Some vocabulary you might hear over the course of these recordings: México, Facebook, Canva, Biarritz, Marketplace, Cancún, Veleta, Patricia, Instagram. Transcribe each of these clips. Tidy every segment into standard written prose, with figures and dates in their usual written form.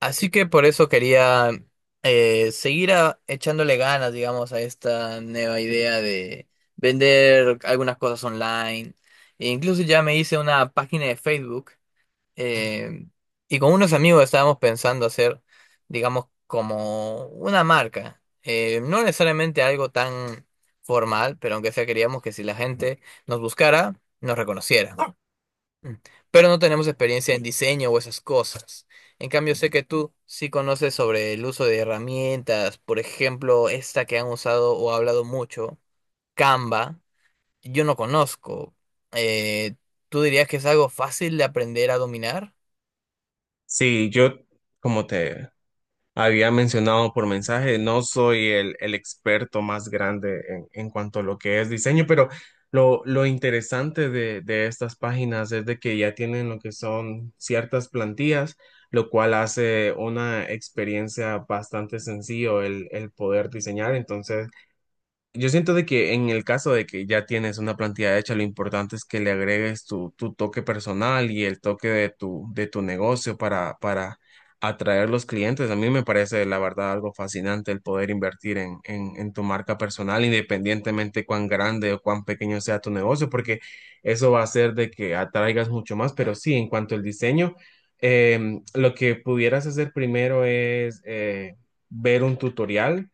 Así que por eso quería echándole ganas, digamos, a esta nueva idea de vender algunas cosas online. E incluso ya me hice una página de Facebook. eh, y con unos amigos estábamos pensando hacer, digamos, como una marca. No necesariamente algo tan formal, pero aunque sea queríamos que si la gente nos buscara, nos reconociera. Mm. Pero no tenemos experiencia en diseño o esas cosas. En cambio, sé que tú sí conoces sobre el uso de herramientas, por ejemplo, esta que han usado o hablado mucho, Canva, yo no conozco. Eh, ¿Tú dirías que es algo fácil de aprender a dominar? Sí, yo, como te había mencionado por mensaje, no soy el experto más grande en, cuanto a lo que es diseño, pero lo interesante de estas páginas es de que ya tienen lo que son ciertas plantillas, lo cual hace una experiencia bastante sencillo el poder diseñar. Entonces, yo siento de que en el caso de que ya tienes una plantilla hecha, lo importante es que le agregues tu toque personal y el toque de tu negocio para atraer los clientes. A mí me parece, la verdad, algo fascinante el poder invertir en, en tu marca personal, independientemente cuán grande o cuán pequeño sea tu negocio, porque eso va a hacer de que atraigas mucho más. Pero sí, en cuanto al diseño, lo que pudieras hacer primero es ver un tutorial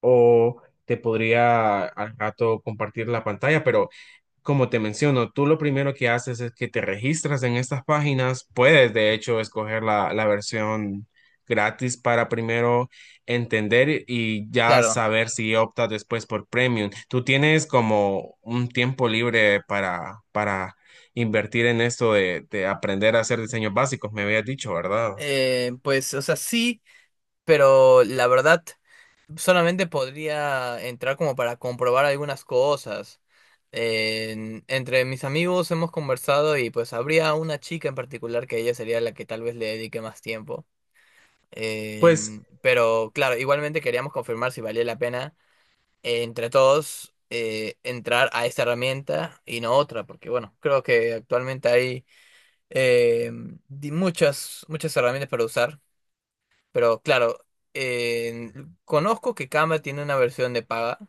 o te podría al rato compartir la pantalla, pero como te menciono, tú lo primero que haces es que te registras en estas páginas, puedes de hecho escoger la versión gratis para primero entender y ya Claro. saber si optas después por premium. Tú tienes como un tiempo libre para invertir en esto de aprender a hacer diseños básicos, me habías dicho, ¿verdad? Pues o sea, sí, pero la verdad, solamente podría entrar como para comprobar algunas cosas. Entre mis amigos hemos conversado y pues habría una chica en particular que ella sería la que tal vez le dedique más tiempo. Pues Pero claro, igualmente queríamos confirmar si valía la pena entre todos entrar a esta herramienta y no otra, porque bueno, creo que actualmente hay eh, muchas herramientas para usar, pero claro, conozco que Canva tiene una versión de paga,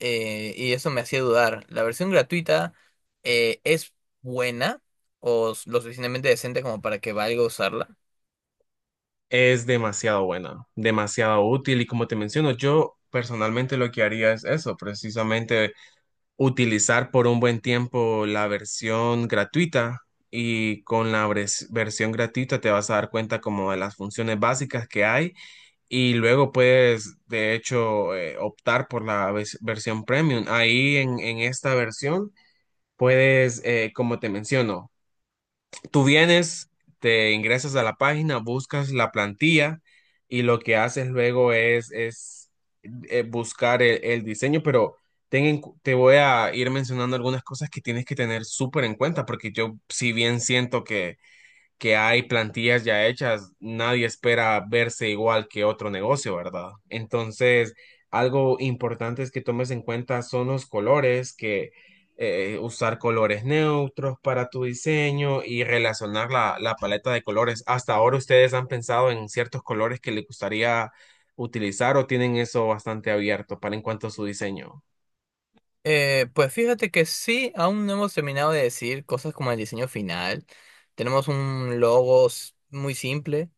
y eso me hacía dudar. ¿La versión gratuita es buena o lo suficientemente decente como para que valga usarla? es demasiado buena, demasiado útil y como te menciono, yo personalmente lo que haría es eso, precisamente utilizar por un buen tiempo la versión gratuita y con la versión gratuita te vas a dar cuenta como de las funciones básicas que hay y luego puedes de hecho optar por la versión premium. Ahí en esta versión puedes, como te menciono, tú vienes, te ingresas a la página, buscas la plantilla y lo que haces luego es, buscar el diseño, pero te voy a ir mencionando algunas cosas que tienes que tener súper en cuenta, porque yo si bien siento que hay plantillas ya hechas, nadie espera verse igual que otro negocio, ¿verdad? Entonces, algo importante es que tomes en cuenta son los colores, que usar colores neutros para tu diseño y relacionar la paleta de colores. Hasta ahora ustedes han pensado en ciertos colores que les gustaría utilizar o tienen eso bastante abierto para en cuanto a su diseño, Pues fíjate que sí, aún no hemos terminado de decir cosas como el diseño final. Tenemos un logo muy simple,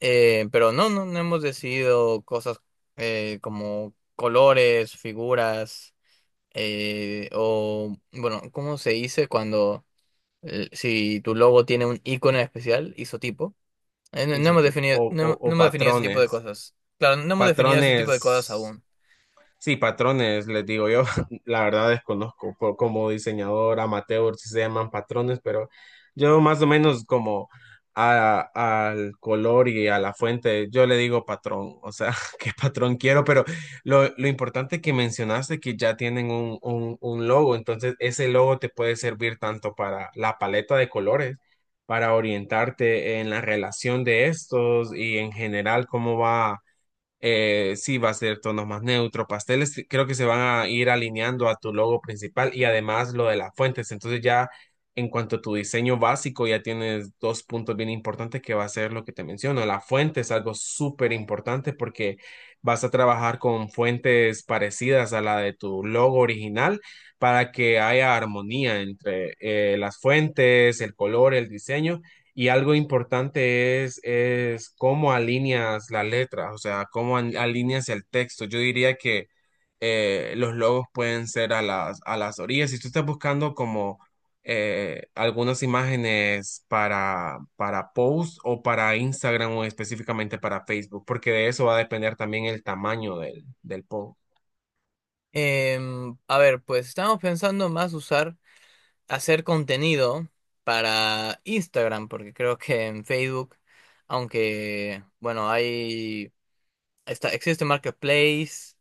pero no hemos decidido cosas como colores, figuras, o bueno, ¿cómo se dice cuando, si tu logo tiene un icono especial, isotipo? No Isa, hemos tipo, definido, o, o no o hemos definido ese tipo de patrones, cosas. Claro, no hemos definido ese tipo de cosas patrones. aún. Sí, patrones, les digo yo, la verdad desconozco como diseñador amateur si se llaman patrones, pero yo más o menos como al color y a la fuente, yo le digo patrón, o sea, qué patrón quiero, pero lo importante que mencionaste que ya tienen un logo, entonces ese logo te puede servir tanto para la paleta de colores, para orientarte en la relación de estos y en general cómo va, sí va a ser tonos más neutros, pasteles, sí, creo que se van a ir alineando a tu logo principal y además lo de las fuentes. Entonces ya en cuanto a tu diseño básico, ya tienes dos puntos bien importantes que va a ser lo que te menciono. La fuente es algo súper importante porque vas a trabajar con fuentes parecidas a la de tu logo original para que haya armonía entre las fuentes, el color, el diseño. Y algo importante es cómo alineas la letra, o sea, cómo alineas el texto. Yo diría que los logos pueden ser a las orillas. Si tú estás buscando como algunas imágenes para post o para Instagram o específicamente para Facebook, porque de eso va a depender también el tamaño del, del post. A ver, pues estamos pensando más hacer contenido para Instagram, porque creo que en Facebook, aunque, bueno, existe Marketplace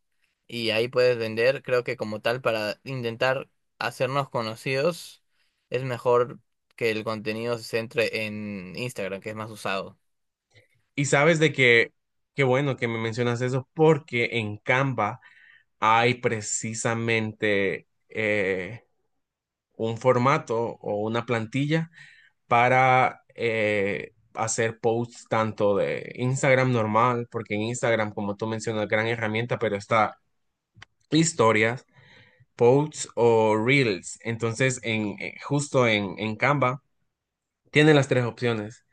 y ahí puedes vender, creo que como tal, para intentar hacernos conocidos, es mejor que el contenido se centre en Instagram, que es más usado. Y sabes de que, qué bueno que me mencionas eso, porque en Canva hay precisamente... un formato o una plantilla para hacer posts tanto de Instagram normal, porque en Instagram, como tú mencionas, gran herramienta, pero está historias, posts o reels. Entonces, justo en Canva, tienen las tres opciones.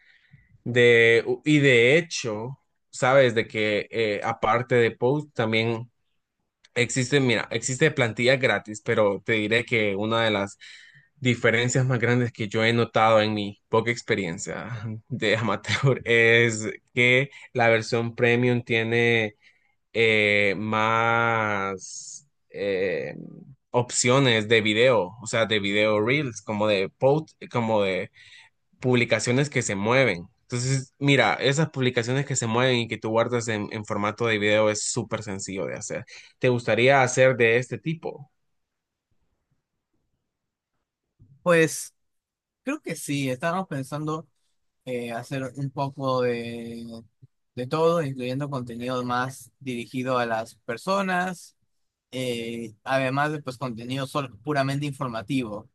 De, y de hecho, sabes de que aparte de posts, también existe, mira, existe plantilla gratis, pero te diré que una de las diferencias más grandes que yo he notado en mi poca experiencia de amateur es que la versión premium tiene más opciones de video, o sea, de video reels, como de post, como de publicaciones que se mueven. Entonces, mira, esas publicaciones que se mueven y que tú guardas en formato de video es súper sencillo de hacer. ¿Te gustaría hacer de este tipo? Pues creo que sí, estábamos pensando hacer un poco de todo, incluyendo contenido más dirigido a las personas, además de pues contenido puramente informativo,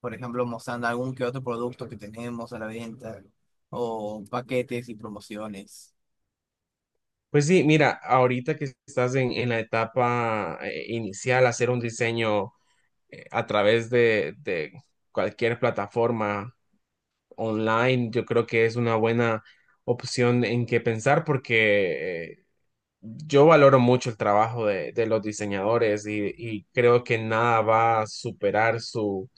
por ejemplo, mostrando algún que otro producto que tenemos a la venta, o paquetes y promociones. Pues sí, mira, ahorita que estás en la etapa inicial, hacer un diseño a través de cualquier plataforma online, yo creo que es una buena opción en que pensar porque yo valoro mucho el trabajo de los diseñadores y creo que nada va a superar su,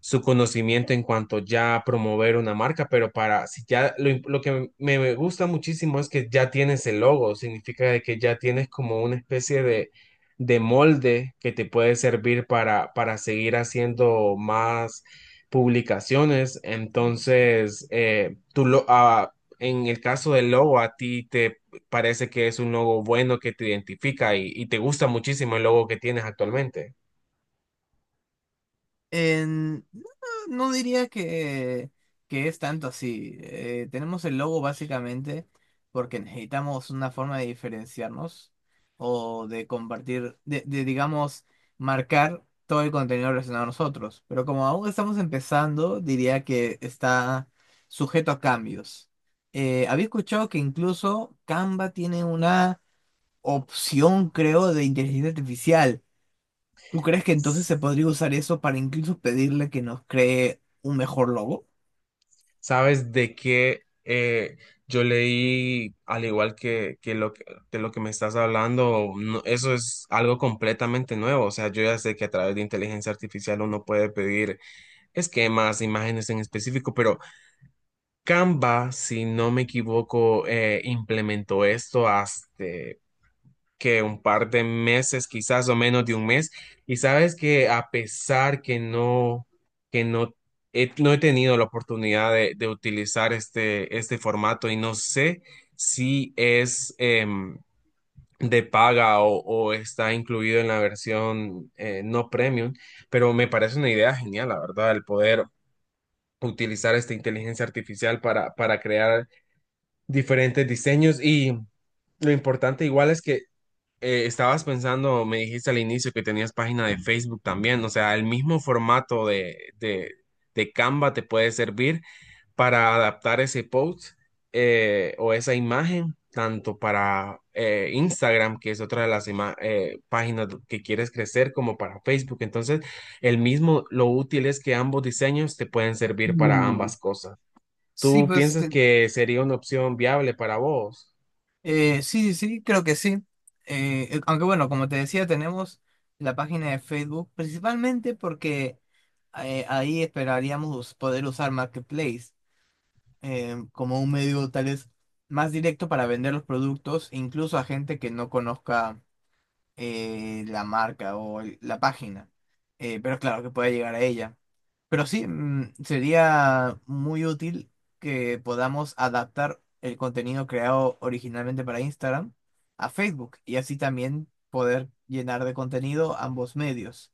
su conocimiento en cuanto ya a promover una marca, pero para si ya lo, lo que me gusta muchísimo es que ya tienes el logo, significa de que ya tienes como una especie de molde que te puede servir para seguir haciendo más publicaciones. Entonces, en el caso del logo, a ti te parece que es un logo bueno que te identifica y te gusta muchísimo el logo que tienes actualmente. No, no diría que es tanto así. Tenemos el logo básicamente porque necesitamos una forma de diferenciarnos o de compartir, digamos, marcar todo el contenido relacionado a nosotros. Pero como aún estamos empezando, diría que está sujeto a cambios. Había escuchado que incluso Canva tiene una opción, creo, de inteligencia artificial. ¿Tú crees que entonces se podría usar eso para incluso pedirle que nos cree un mejor logo? ¿Sabes de qué? Yo leí, al igual que lo que de lo que me estás hablando, eso es algo completamente nuevo. O sea, yo ya sé que a través de inteligencia artificial uno puede pedir esquemas, imágenes en específico, pero Canva, si no me equivoco, implementó esto hasta que un par de meses, quizás o menos de un mes. Y sabes que a pesar que no, que no no he tenido la oportunidad de utilizar este, este formato y no sé si es de paga o está incluido en la versión no premium, pero me parece una idea genial, la verdad, el poder utilizar esta inteligencia artificial para crear diferentes diseños y... Lo importante igual es que estabas pensando, me dijiste al inicio que tenías página de Facebook también, o sea, el mismo formato de Canva te puede servir para adaptar ese post o esa imagen, tanto para Instagram, que es otra de las páginas que quieres crecer, como para Facebook. Entonces, el mismo, lo útil es que ambos diseños te pueden servir para Mm. ambas cosas. Sí, ¿Tú pues piensas que sería una opción viable para vos? Sí, sí, sí, creo que sí. Aunque bueno, como te decía, tenemos la página de Facebook, principalmente porque ahí esperaríamos poder usar Marketplace como un medio tal vez más directo para vender los productos, incluso a gente que no conozca la marca o la página. Pero claro que pueda llegar a ella. Pero sí, mm, sería muy útil que podamos adaptar el contenido creado originalmente para Instagram a Facebook y así también poder llenar de contenido ambos medios.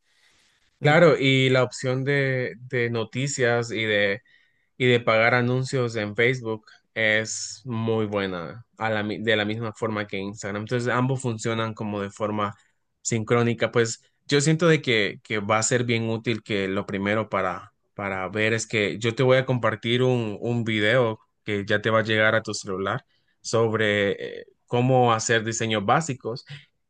Me pa- Claro, y la opción de noticias y de pagar anuncios en Facebook es muy buena a la de la misma forma que Instagram. Entonces, ambos funcionan como de forma sincrónica. Pues yo siento de que va a ser bien útil que lo primero para ver es que yo te voy a compartir un video que ya te va a llegar a tu celular sobre cómo hacer diseños básicos.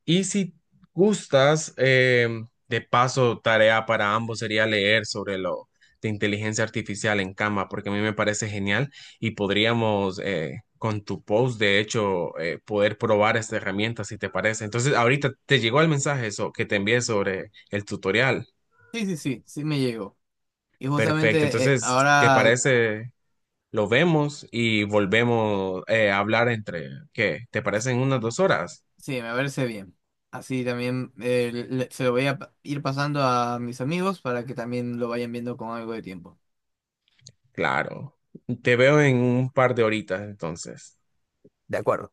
Y si gustas, de paso, tarea para ambos sería leer sobre lo de inteligencia artificial en Canva, porque a mí me parece genial y podríamos con tu post, de hecho, poder probar esta herramienta si te parece. Entonces, ahorita te llegó el mensaje eso, que te envié sobre el tutorial. Sí, sí, sí, sí me llegó. Y Perfecto. justamente Entonces, ¿te ahora parece? Lo vemos y volvemos a hablar entre, ¿qué? ¿Te parece en unas 2 horas? sí, me parece bien. Así también se lo voy a ir pasando a mis amigos para que también lo vayan viendo con algo de tiempo. Claro. Te veo en un par de horitas, entonces. De acuerdo.